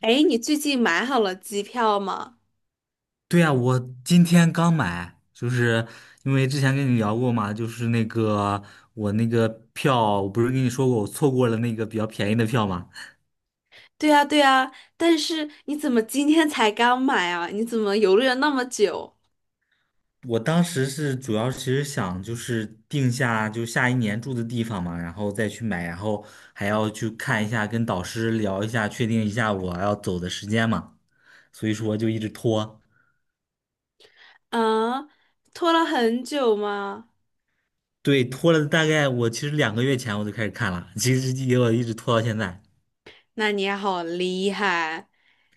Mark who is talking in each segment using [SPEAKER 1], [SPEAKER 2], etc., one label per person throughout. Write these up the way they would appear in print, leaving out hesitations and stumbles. [SPEAKER 1] 哎，你最近买好了机票吗？
[SPEAKER 2] 对呀，我今天刚买，就是因为之前跟你聊过嘛，就是那个我那个票，我不是跟你说过我错过了那个比较便宜的票嘛？
[SPEAKER 1] 对呀，对呀，但是你怎么今天才刚买啊？你怎么犹豫了那么久？
[SPEAKER 2] 我当时是主要其实想就是定下就下一年住的地方嘛，然后再去买，然后还要去看一下，跟导师聊一下，确定一下我要走的时间嘛，所以说就一直拖。
[SPEAKER 1] 啊，拖了很久吗？
[SPEAKER 2] 对，拖了大概我其实2个月前我就开始看了，其实也我一直拖到现在。
[SPEAKER 1] 那你好厉害！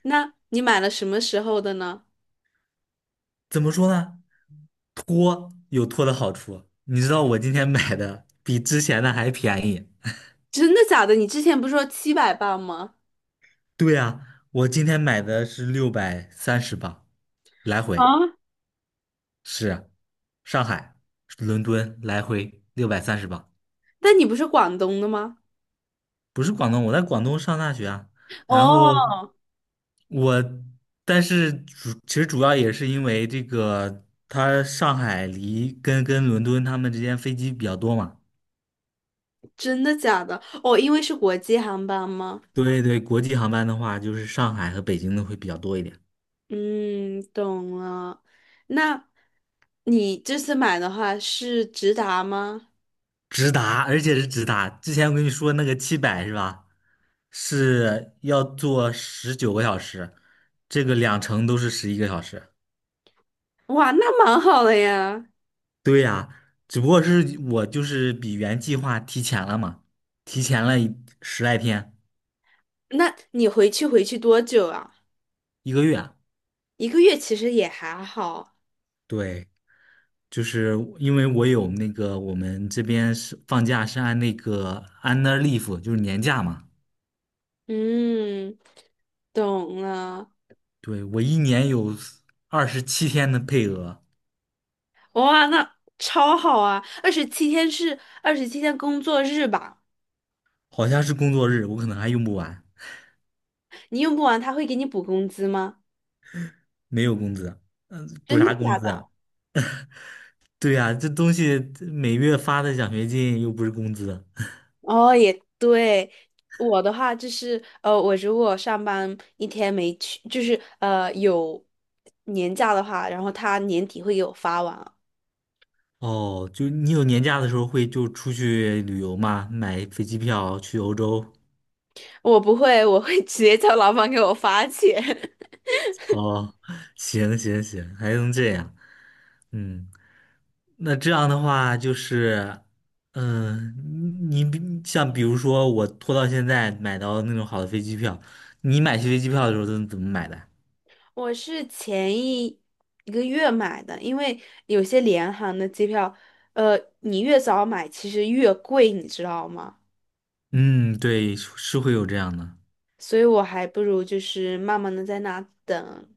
[SPEAKER 1] 那你买了什么时候的呢？
[SPEAKER 2] 怎么说呢？拖有拖的好处，你知道我今天买的比之前的还便宜。
[SPEAKER 1] 真的假的？你之前不是说700磅吗？
[SPEAKER 2] 对呀，我今天买的是六百三十磅，来回
[SPEAKER 1] 啊，
[SPEAKER 2] 是上海、伦敦来回六百三十磅。
[SPEAKER 1] 但你不是广东的吗？
[SPEAKER 2] 不是广东，我在广东上大学啊。然后
[SPEAKER 1] 哦，
[SPEAKER 2] 我，但是其实主要也是因为这个，它上海离跟伦敦他们之间飞机比较多嘛。
[SPEAKER 1] 真的假的？哦，因为是国际航班吗？
[SPEAKER 2] 对对，国际航班的话，就是上海和北京的会比较多一点。
[SPEAKER 1] 嗯，懂了。那你这次买的话是直达吗？
[SPEAKER 2] 直达，而且是直达。之前我跟你说那个700是吧？是要坐19个小时，这个两程都是11个小时。
[SPEAKER 1] 哇，那蛮好的呀。
[SPEAKER 2] 对呀，只不过是我就是比原计划提前了嘛，提前了10来天，
[SPEAKER 1] 那你回去多久啊？
[SPEAKER 2] 一个月啊。
[SPEAKER 1] 一个月其实也还好。
[SPEAKER 2] 对，就是因为我有那个我们这边是放假是按那个 annual leave，就是年假嘛。
[SPEAKER 1] 嗯，懂了。
[SPEAKER 2] 对，我一年有27天的配额。
[SPEAKER 1] 哇，那超好啊！二十七天是二十七天工作日吧？
[SPEAKER 2] 好像是工作日，我可能还用不完。
[SPEAKER 1] 你用不完他会给你补工资吗？
[SPEAKER 2] 没有工资，嗯，补
[SPEAKER 1] 真的
[SPEAKER 2] 啥工
[SPEAKER 1] 假
[SPEAKER 2] 资啊？
[SPEAKER 1] 的？
[SPEAKER 2] 对呀，这东西这每月发的奖学金又不是工资。
[SPEAKER 1] 哦，也对。我的话就是，我如果上班一天没去，就是有年假的话，然后他年底会给我发完啊。
[SPEAKER 2] 哦，就你有年假的时候会就出去旅游吗？买飞机票去欧洲？
[SPEAKER 1] 我不会，我会 直接叫老板给我发钱。
[SPEAKER 2] 哦，行行行，还能这样，嗯。那这样的话就是，嗯，像比如说我拖到现在买到那种好的飞机票，你买飞机票的时候都怎么买的？
[SPEAKER 1] 我是前一个月买的，因为有些联航的机票，你越早买其实越贵，你知道吗？
[SPEAKER 2] 嗯，对，是会有这样的。
[SPEAKER 1] 所以我还不如就是慢慢的在那等。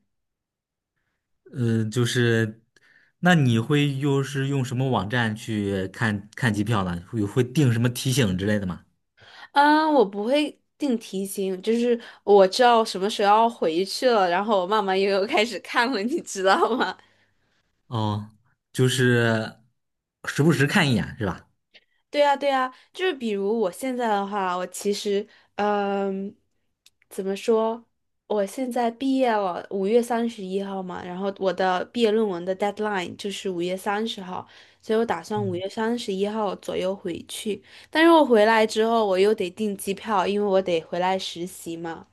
[SPEAKER 2] 嗯，就是，那你会又是用什么网站去看看机票呢？会定什么提醒之类的吗？
[SPEAKER 1] 嗯，我不会定提醒，就是我知道什么时候要回去了，然后我慢慢悠悠开始看了，你知道吗？
[SPEAKER 2] 哦，就是时不时看一眼是吧？
[SPEAKER 1] 对啊，对啊，就是比如我现在的话，我其实，嗯，怎么说？我现在毕业了，五月三十一号嘛，然后我的毕业论文的 deadline 就是5月30号，所以我打算五月三十一号左右回去。但是我回来之后，我又得订机票，因为我得回来实习嘛。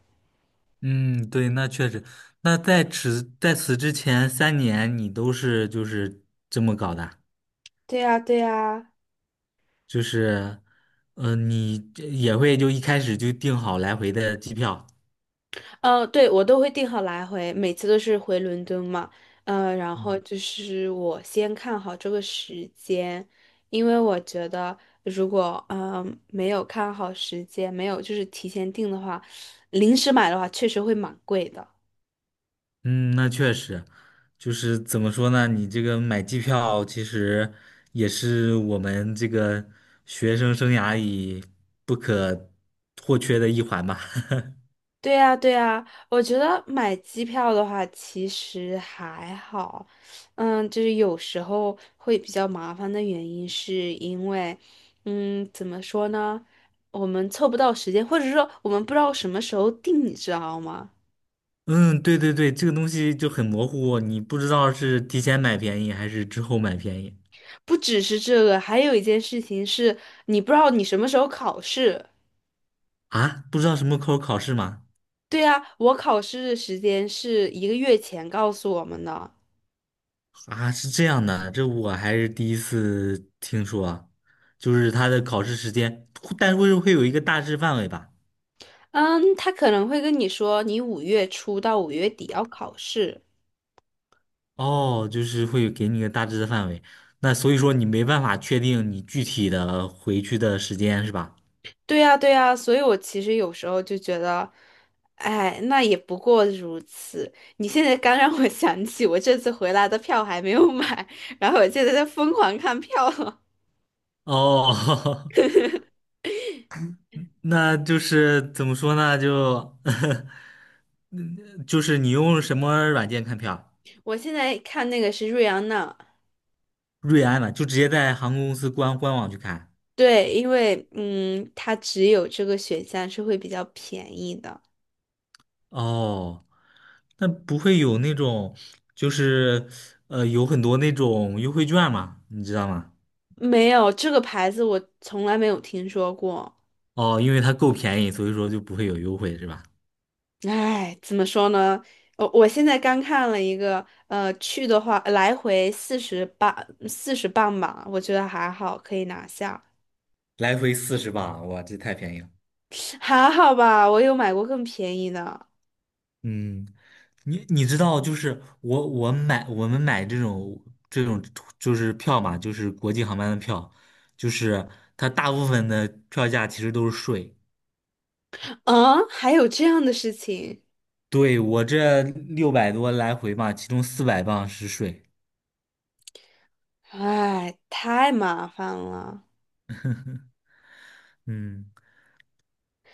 [SPEAKER 2] 嗯，对，那确实。那在此之前3年，你都是就是这么搞的。
[SPEAKER 1] 对呀，对呀。
[SPEAKER 2] 就是，你这也会就一开始就订好来回的机票。
[SPEAKER 1] 对，我都会定好来回，每次都是回伦敦嘛。嗯，然后
[SPEAKER 2] 嗯。
[SPEAKER 1] 就是我先看好这个时间，因为我觉得如果没有看好时间，没有就是提前定的话，临时买的话确实会蛮贵的。
[SPEAKER 2] 嗯，那确实，就是怎么说呢？你这个买机票其实也是我们这个学生生涯里不可或缺的一环吧。
[SPEAKER 1] 对呀，对呀，我觉得买机票的话其实还好，嗯，就是有时候会比较麻烦的原因是因为，嗯，怎么说呢，我们凑不到时间，或者说我们不知道什么时候定，你知道吗？
[SPEAKER 2] 嗯，对对对，这个东西就很模糊，你不知道是提前买便宜还是之后买便宜。
[SPEAKER 1] 不只是这个，还有一件事情是你不知道你什么时候考试。
[SPEAKER 2] 啊，不知道什么口考试吗？
[SPEAKER 1] 对呀，我考试的时间是一个月前告诉我们的，
[SPEAKER 2] 啊，是这样的，这我还是第一次听说啊。就是它的考试时间，但是会有一个大致范围吧？
[SPEAKER 1] 嗯，他可能会跟你说你五月初到五月底要考试。
[SPEAKER 2] 哦，就是会给你个大致的范围。那所以说你没办法确定你具体的回去的时间是吧？
[SPEAKER 1] 对呀，对呀，所以我其实有时候就觉得，哎，那也不过如此。你现在刚让我想起，我这次回来的票还没有买，然后我现在在疯狂看票了。
[SPEAKER 2] 哦，那就是怎么说呢？就是你用什么软件看票？
[SPEAKER 1] 我现在看那个是瑞安娜，
[SPEAKER 2] 瑞安的就直接在航空公司官网去看。
[SPEAKER 1] 对，因为它只有这个选项是会比较便宜的。
[SPEAKER 2] 哦，那不会有那种，就是有很多那种优惠券嘛，你知道吗？
[SPEAKER 1] 没有，这个牌子我从来没有听说过。
[SPEAKER 2] 哦，因为它够便宜，所以说就不会有优惠，是吧？
[SPEAKER 1] 哎，怎么说呢？我现在刚看了一个，去的话来回四十磅，四十磅吧，我觉得还好，可以拿下，
[SPEAKER 2] 来回四十吧，哇，这太便宜了。
[SPEAKER 1] 还好吧。我有买过更便宜的，
[SPEAKER 2] 嗯，你知道，就是我们买这种就是票嘛，就是国际航班的票，就是它大部分的票价其实都是税。
[SPEAKER 1] 嗯，还有这样的事情，
[SPEAKER 2] 对，我这600多来回嘛，其中400磅是税。
[SPEAKER 1] 哎，太麻烦了。
[SPEAKER 2] 嗯。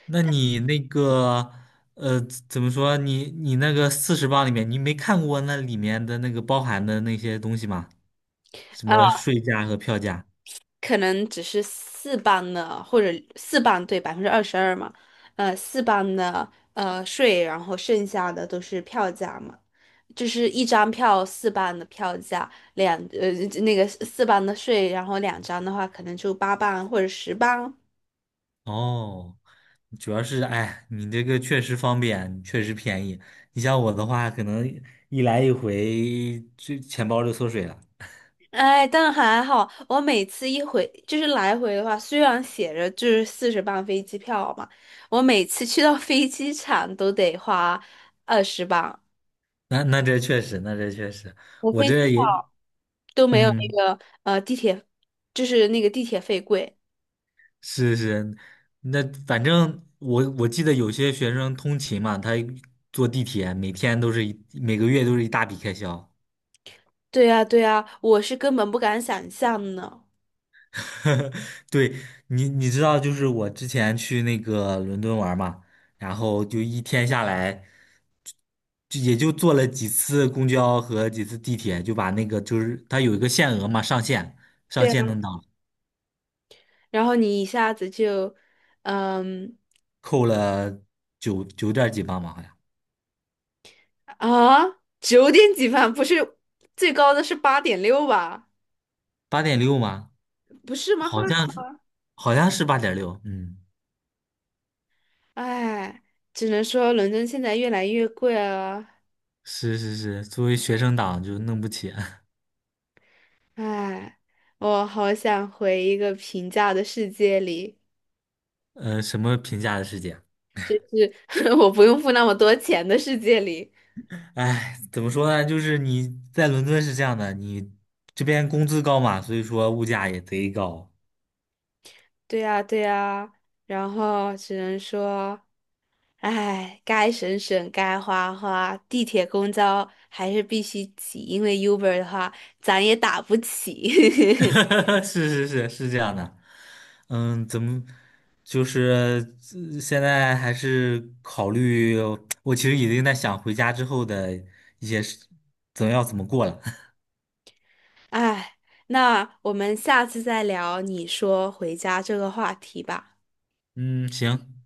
[SPEAKER 2] 那你那个呃，怎么说？你那个40磅里面，你没看过那里面的那个包含的那些东西吗？什
[SPEAKER 1] 啊，
[SPEAKER 2] 么税价和票价？
[SPEAKER 1] 可能只是四磅的，或者四磅对22%嘛，四磅的税，然后剩下的都是票价嘛。就是一张票四磅的票价，两呃那个四磅的税，然后两张的话可能就8磅或者十磅。
[SPEAKER 2] 哦，主要是哎，你这个确实方便，确实便宜。你像我的话，可能一来一回，就钱包就缩水了。
[SPEAKER 1] 哎，但还好，我每次一回就是来回的话，虽然写着就是四十磅飞机票嘛，我每次去到飞机场都得花20磅，
[SPEAKER 2] 那这确实，那这确实，
[SPEAKER 1] 我
[SPEAKER 2] 我
[SPEAKER 1] 飞机
[SPEAKER 2] 这
[SPEAKER 1] 票
[SPEAKER 2] 也
[SPEAKER 1] 都没有那
[SPEAKER 2] 嗯。
[SPEAKER 1] 个地铁，就是那个地铁费贵。
[SPEAKER 2] 是是，那反正我记得有些学生通勤嘛，他坐地铁每个月都是一大笔开销。
[SPEAKER 1] 对呀，对呀，我是根本不敢想象呢。
[SPEAKER 2] 对，你知道，就是我之前去那个伦敦玩嘛，然后就一天下来，就也就坐了几次公交和几次地铁，就把那个就是它有一个限额嘛，上限上
[SPEAKER 1] 对
[SPEAKER 2] 限
[SPEAKER 1] 啊，
[SPEAKER 2] 能到，
[SPEAKER 1] 然后你一下子就，嗯。
[SPEAKER 2] 扣了九点儿几磅嘛，好像
[SPEAKER 1] 啊，九点几万不是最高的是8.6吧？
[SPEAKER 2] 八点六吗？
[SPEAKER 1] 不是吗？后
[SPEAKER 2] 好
[SPEAKER 1] 来，
[SPEAKER 2] 像是好像是八点六，嗯，
[SPEAKER 1] 哎，只能说伦敦现在越来越贵了。
[SPEAKER 2] 是是是，作为学生党就弄不起。
[SPEAKER 1] 哎，我好想回一个平价的世界里，
[SPEAKER 2] 呃，什么评价的世界？
[SPEAKER 1] 我不用付那么多钱的世界里。
[SPEAKER 2] 哎，怎么说呢？就是你在伦敦是这样的，你这边工资高嘛，所以说物价也贼高。
[SPEAKER 1] 对呀，对呀，然后只能说，哎，该省省，该花花，地铁、公交还是必须挤，因为 Uber 的话，咱也打不起。
[SPEAKER 2] 是是是是这样的。嗯，怎么就是现在还是考虑，我其实已经在想回家之后的一些事，怎么要怎么过了。
[SPEAKER 1] 哎，那我们下次再聊你说回家这个话题吧。
[SPEAKER 2] 嗯，行。